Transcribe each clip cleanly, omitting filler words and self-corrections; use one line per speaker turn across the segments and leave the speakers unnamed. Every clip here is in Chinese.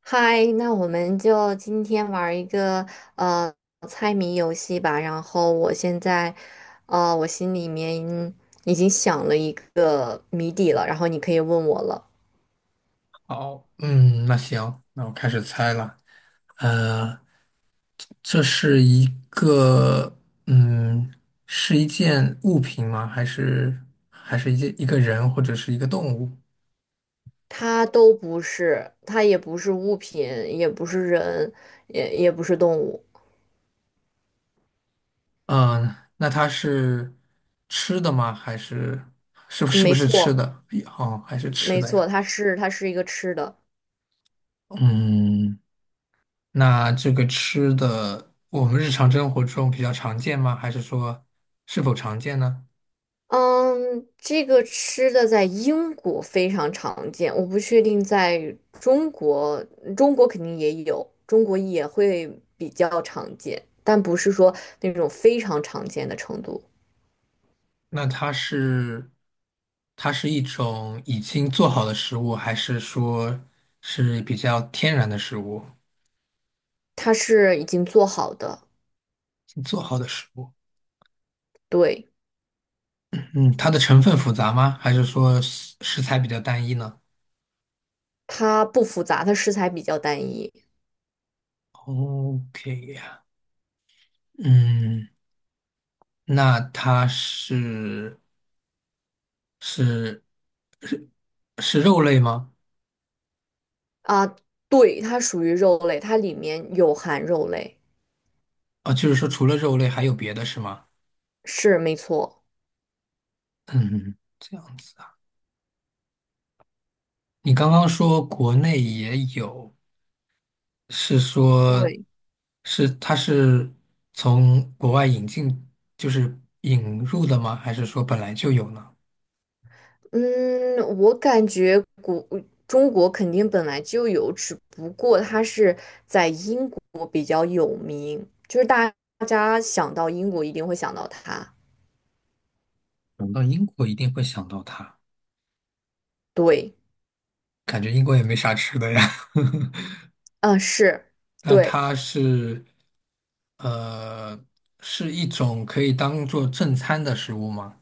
嗨，那我们就今天玩儿一个呃猜谜游戏吧。然后我现在，我心里面已经想了一个谜底了，然后你可以问我了。
好，嗯，那行，那我开始猜了。呃，这是一个，嗯，是一件物品吗？还是一个人或者是一个动物？
它都不是，它也不是物品，也不是人，也不是动物。
嗯，那它是吃的吗？还是是不是不
没
是吃
错，
的？哎哦，还是吃
没
的呀。
错，它是一个吃的。
嗯，那这个吃的，我们日常生活中比较常见吗？还是说是否常见呢？
嗯，这个吃的在英国非常常见，我不确定在中国，中国肯定也有，中国也会比较常见，但不是说那种非常常见的程度。
那它是一种已经做好的食物，还是说是比较天然的食物？
它是已经做好的，
已经做好的食物，
对，
嗯，它的成分复杂吗？还是说食材比较单一呢
它不复杂，它食材比较单一
？OK 呀，嗯，那它是是是是肉类吗？
啊，对，它属于肉类，它里面有含肉类，
啊，就是说除了肉类还有别的是吗？
是没错。
嗯，这样子啊。你刚刚说国内也有。是说，
对
是它是从国外引进，就是引入的吗？还是说本来就有呢？
嗯，我感觉中国肯定本来就有，只不过它是在英国比较有名，就是大家想到英国一定会想到它。
嗯，到英国一定会想到它，
对，
感觉英国也没啥吃的呀。
嗯，是，
那
对，
它是，呃，是一种可以当做正餐的食物吗？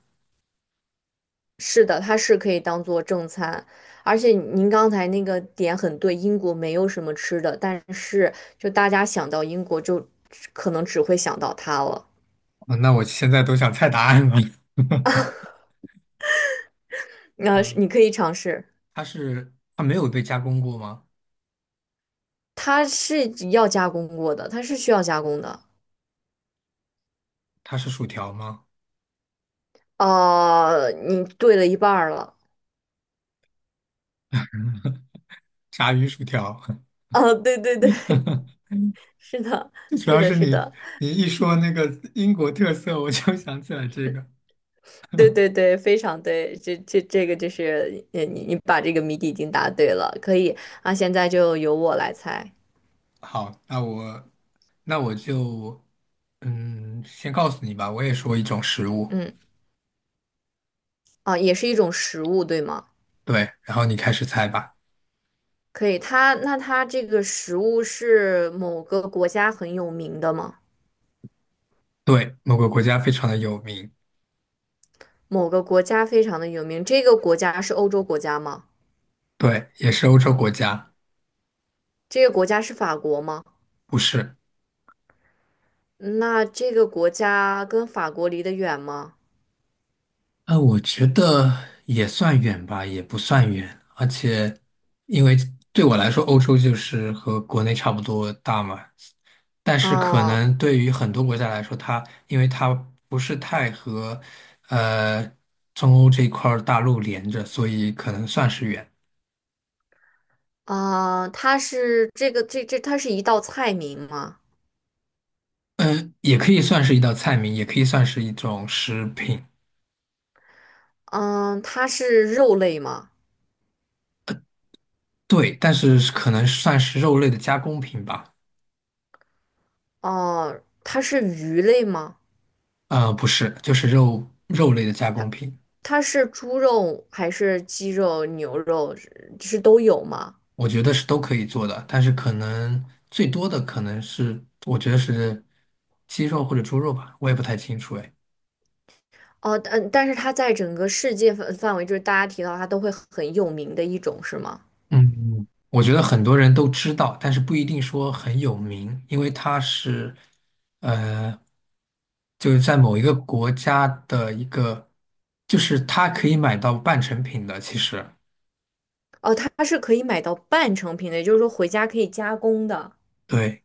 是的，它是可以当做正餐，而且您刚才那个点很对，英国没有什么吃的，但是就大家想到英国就可能只会想到它了。
啊，那我现在都想猜答案了。
那是
嗯，
你可以尝试。
它是，它没有被加工过吗？
它是要加工过的，它是需要加工的。
它是薯条吗？
啊，你对了一半儿了。
炸鱼薯条。
啊，对对对，是的，
最主
是
要
的，
是
是
你
的，
你一说那个英国特色，我就想起来这个。
对对对，非常对。这这个就是，你把这个谜底已经答对了，可以啊。现在就由我来猜。
好，那我那我就嗯，先告诉你吧，我也说一种食物，
嗯，啊，也是一种食物，对吗？
对，然后你开始猜吧。
可以。它那它这个食物是某个国家很有名的吗？
对，某个国家非常的有名，
某个国家非常的有名，这个国家是欧洲国家吗？
对，也是欧洲国家，
这个国家是法国吗？
不是。
那这个国家跟法国离得远吗？
我觉得也算远吧，也不算远，而且因为对我来说，欧洲就是和国内差不多大嘛，但是可
嗯
能对于很多国家来说，它因为它不是太呃中欧这块儿大陆连着，所以可能算是远。
啊，它是这个这这它是一道菜名吗？
嗯，也可以算是一道菜名，也可以算是一种食品，
嗯，它是肉类吗？
对，但是可能算是肉类的加工品吧。
哦，它是鱼类吗？
呃，不是，就是肉类的加工
它
品。
它是猪肉还是鸡肉、牛肉是都有吗？
我觉得是都可以做的，但是可能最多的可能是，我觉得是鸡肉或者猪肉吧，我也不太清楚哎。
哦，但但是它在整个世界范围，就是大家提到它都会很有名的一种，是吗？
嗯，我觉得很多人都知道，但是不一定说很有名，因为它是，呃，就是在某一个国家的一个，就是它可以买到半成品的，其实。
哦，它是可以买到半成品的，也就是说回家可以加工的。
对。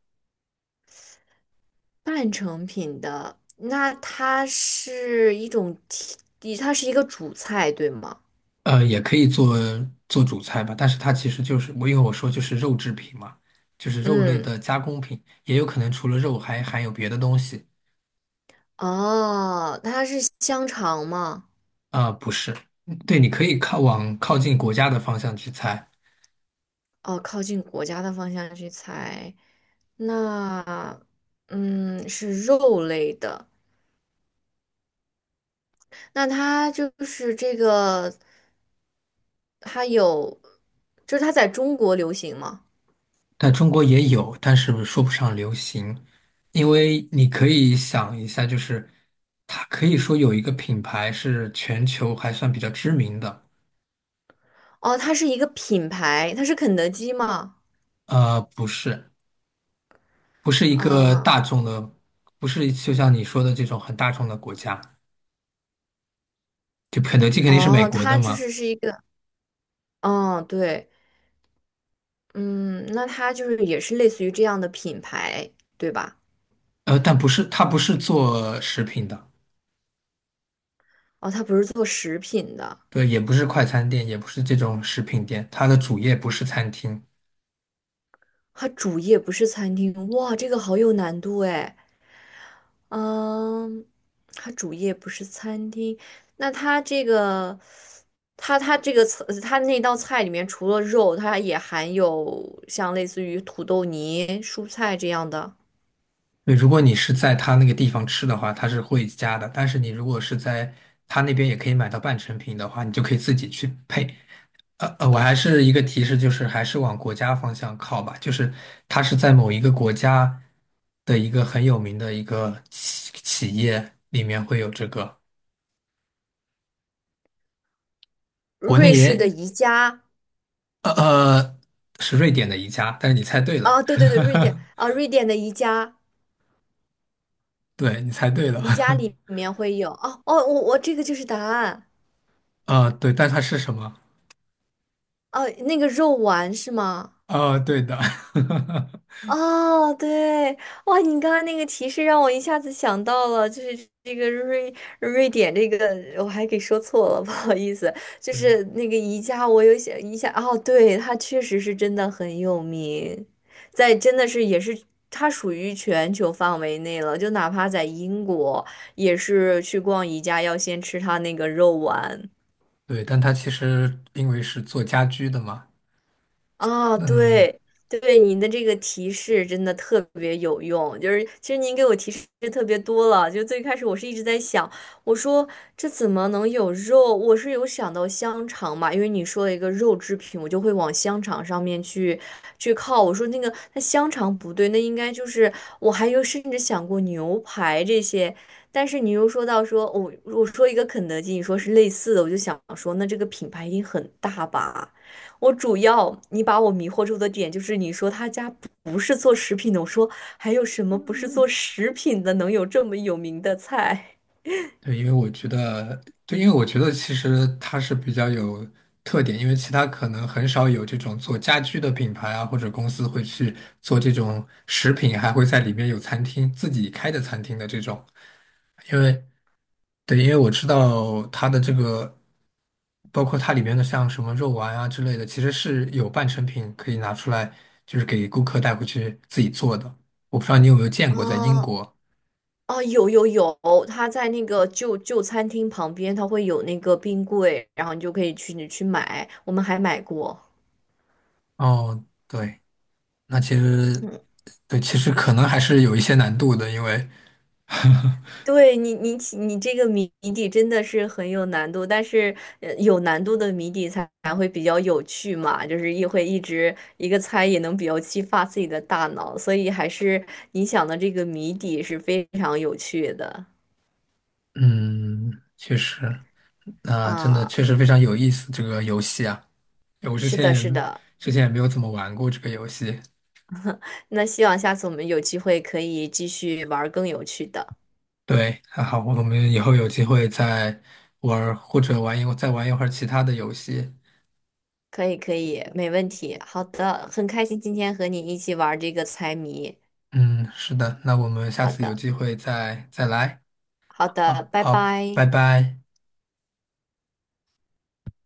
半成品的，那它是一种提，它是一个主菜，对吗？
呃，也可以做主菜吧，但是它其实就是我因为我说就是肉制品嘛，就是肉类
嗯，
的加工品，也有可能除了肉还含有别的东西。
哦，它是香肠吗？
啊，不是，嗯，对，你可以往靠近国家的方向去猜，
哦，靠近国家的方向去猜，那，嗯，是肉类的，那它就是这个，它有，就是它在中国流行吗？
但中国也有，但是说不上流行，因为你可以想一下，就是它可以说有一个品牌是全球还算比较知名的，
哦，它是一个品牌，它是肯德基吗？
呃，不是，不是一个大
啊、
众的，不是就像你说的这种很大众的国家。就肯德基肯定是美
哦，
国的
它就
嘛，
是是一个，嗯，对。嗯，那它就是也是类似于这样的品牌，对吧？
呃，但不是，它不是做食品的，
哦，它不是做食品的，
对，也不是快餐店，也不是这种食品店，它的主业不是餐厅。
它主业不是餐厅。哇，这个好有难度哎。嗯，它主业不是餐厅，那它这个，它这个菜，它那道菜里面除了肉，它也含有像类似于土豆泥、蔬菜这样的。
对，如果你是在它那个地方吃的话，它是会加的，但是你如果是在它那边也可以买到半成品的话，你就可以自己去配。我还是一个提示，就是还是往国家方向靠吧，就是它是在某一个国家的一个很有名的一个企业里面会有这个，国
瑞
内
士的
也
宜家
呃，呃是瑞典的一家，但是你猜对
啊，
了，
对对对，瑞典 啊，瑞典的宜家。
对，你猜对了，
宜家里面会有哦哦，我这个就是答案
呃，对，但它是什么？
哦，那个肉丸是吗？
呃，对的，
哦，对，哇，你刚刚那个提示让我一下子想到了，就是这个瑞典这个，我还给说错了，不好意思，就
对
是那个宜家，我有想一下哦，对，它确实是真的很有名，在真的是也是它属于全球范围内了，就哪怕在英国也是去逛宜家要先吃它那个肉丸。
对，但它其实因为是做家居的嘛，
啊，
嗯，
对对，您的这个提示真的特别有用。就是其实您给我提示特别多了，就最开始我是一直在想，我说这怎么能有肉？我是有想到香肠嘛，因为你说了一个肉制品，我就会往香肠上面去靠。我说那个那香肠不对，那应该就是我还有甚至想过牛排这些。但是你又说到说，我、我说一个肯德基，你说是类似的，我就想说，那这个品牌一定很大吧？我主要你把我迷惑住的点就是你说他家不是做食品的，我说还有什么不是做食品的能有这么有名的菜？
对，因为我觉得，对，因为我觉得其实它是比较有特点，因为其他可能很少有这种做家居的品牌啊，或者公司会去做这种食品，还会在里面有餐厅，自己开的餐厅的这种。因为，对，因为我知道它的这个，包括它里面的像什么肉丸啊之类的，其实是有半成品可以拿出来，就是给顾客带回去自己做的。我不知道你有没有见过在英
哦，
国？
哦，有有有，他在那个旧餐厅旁边，他会有那个冰柜，然后你就可以去你去买，我们还买过。
哦，对。那其实，对，其实可能还是有一些难度的，因为，
对你，你这个谜底真的是很有难度，但是有难度的谜底才会比较有趣嘛，就是一会一直一个猜也能比较激发自己的大脑，所以还是你想的这个谜底是非常有趣的
嗯，确实，那真的
啊，
确实非常有意思这个游戏啊，我之
是
前
的，
也
是的，
没有怎么玩过这个游戏。
那希望下次我们有机会可以继续玩儿更有趣的，
对，还好，我们以后有机会再玩儿或者再玩一会儿其他的游戏。
可以可以，没问题，好的，很开心今天和你一起玩儿这个猜谜，
嗯，是的，那我们下
好
次有
的
机会再来。
好的，
啊，
拜
好，
拜。
拜拜。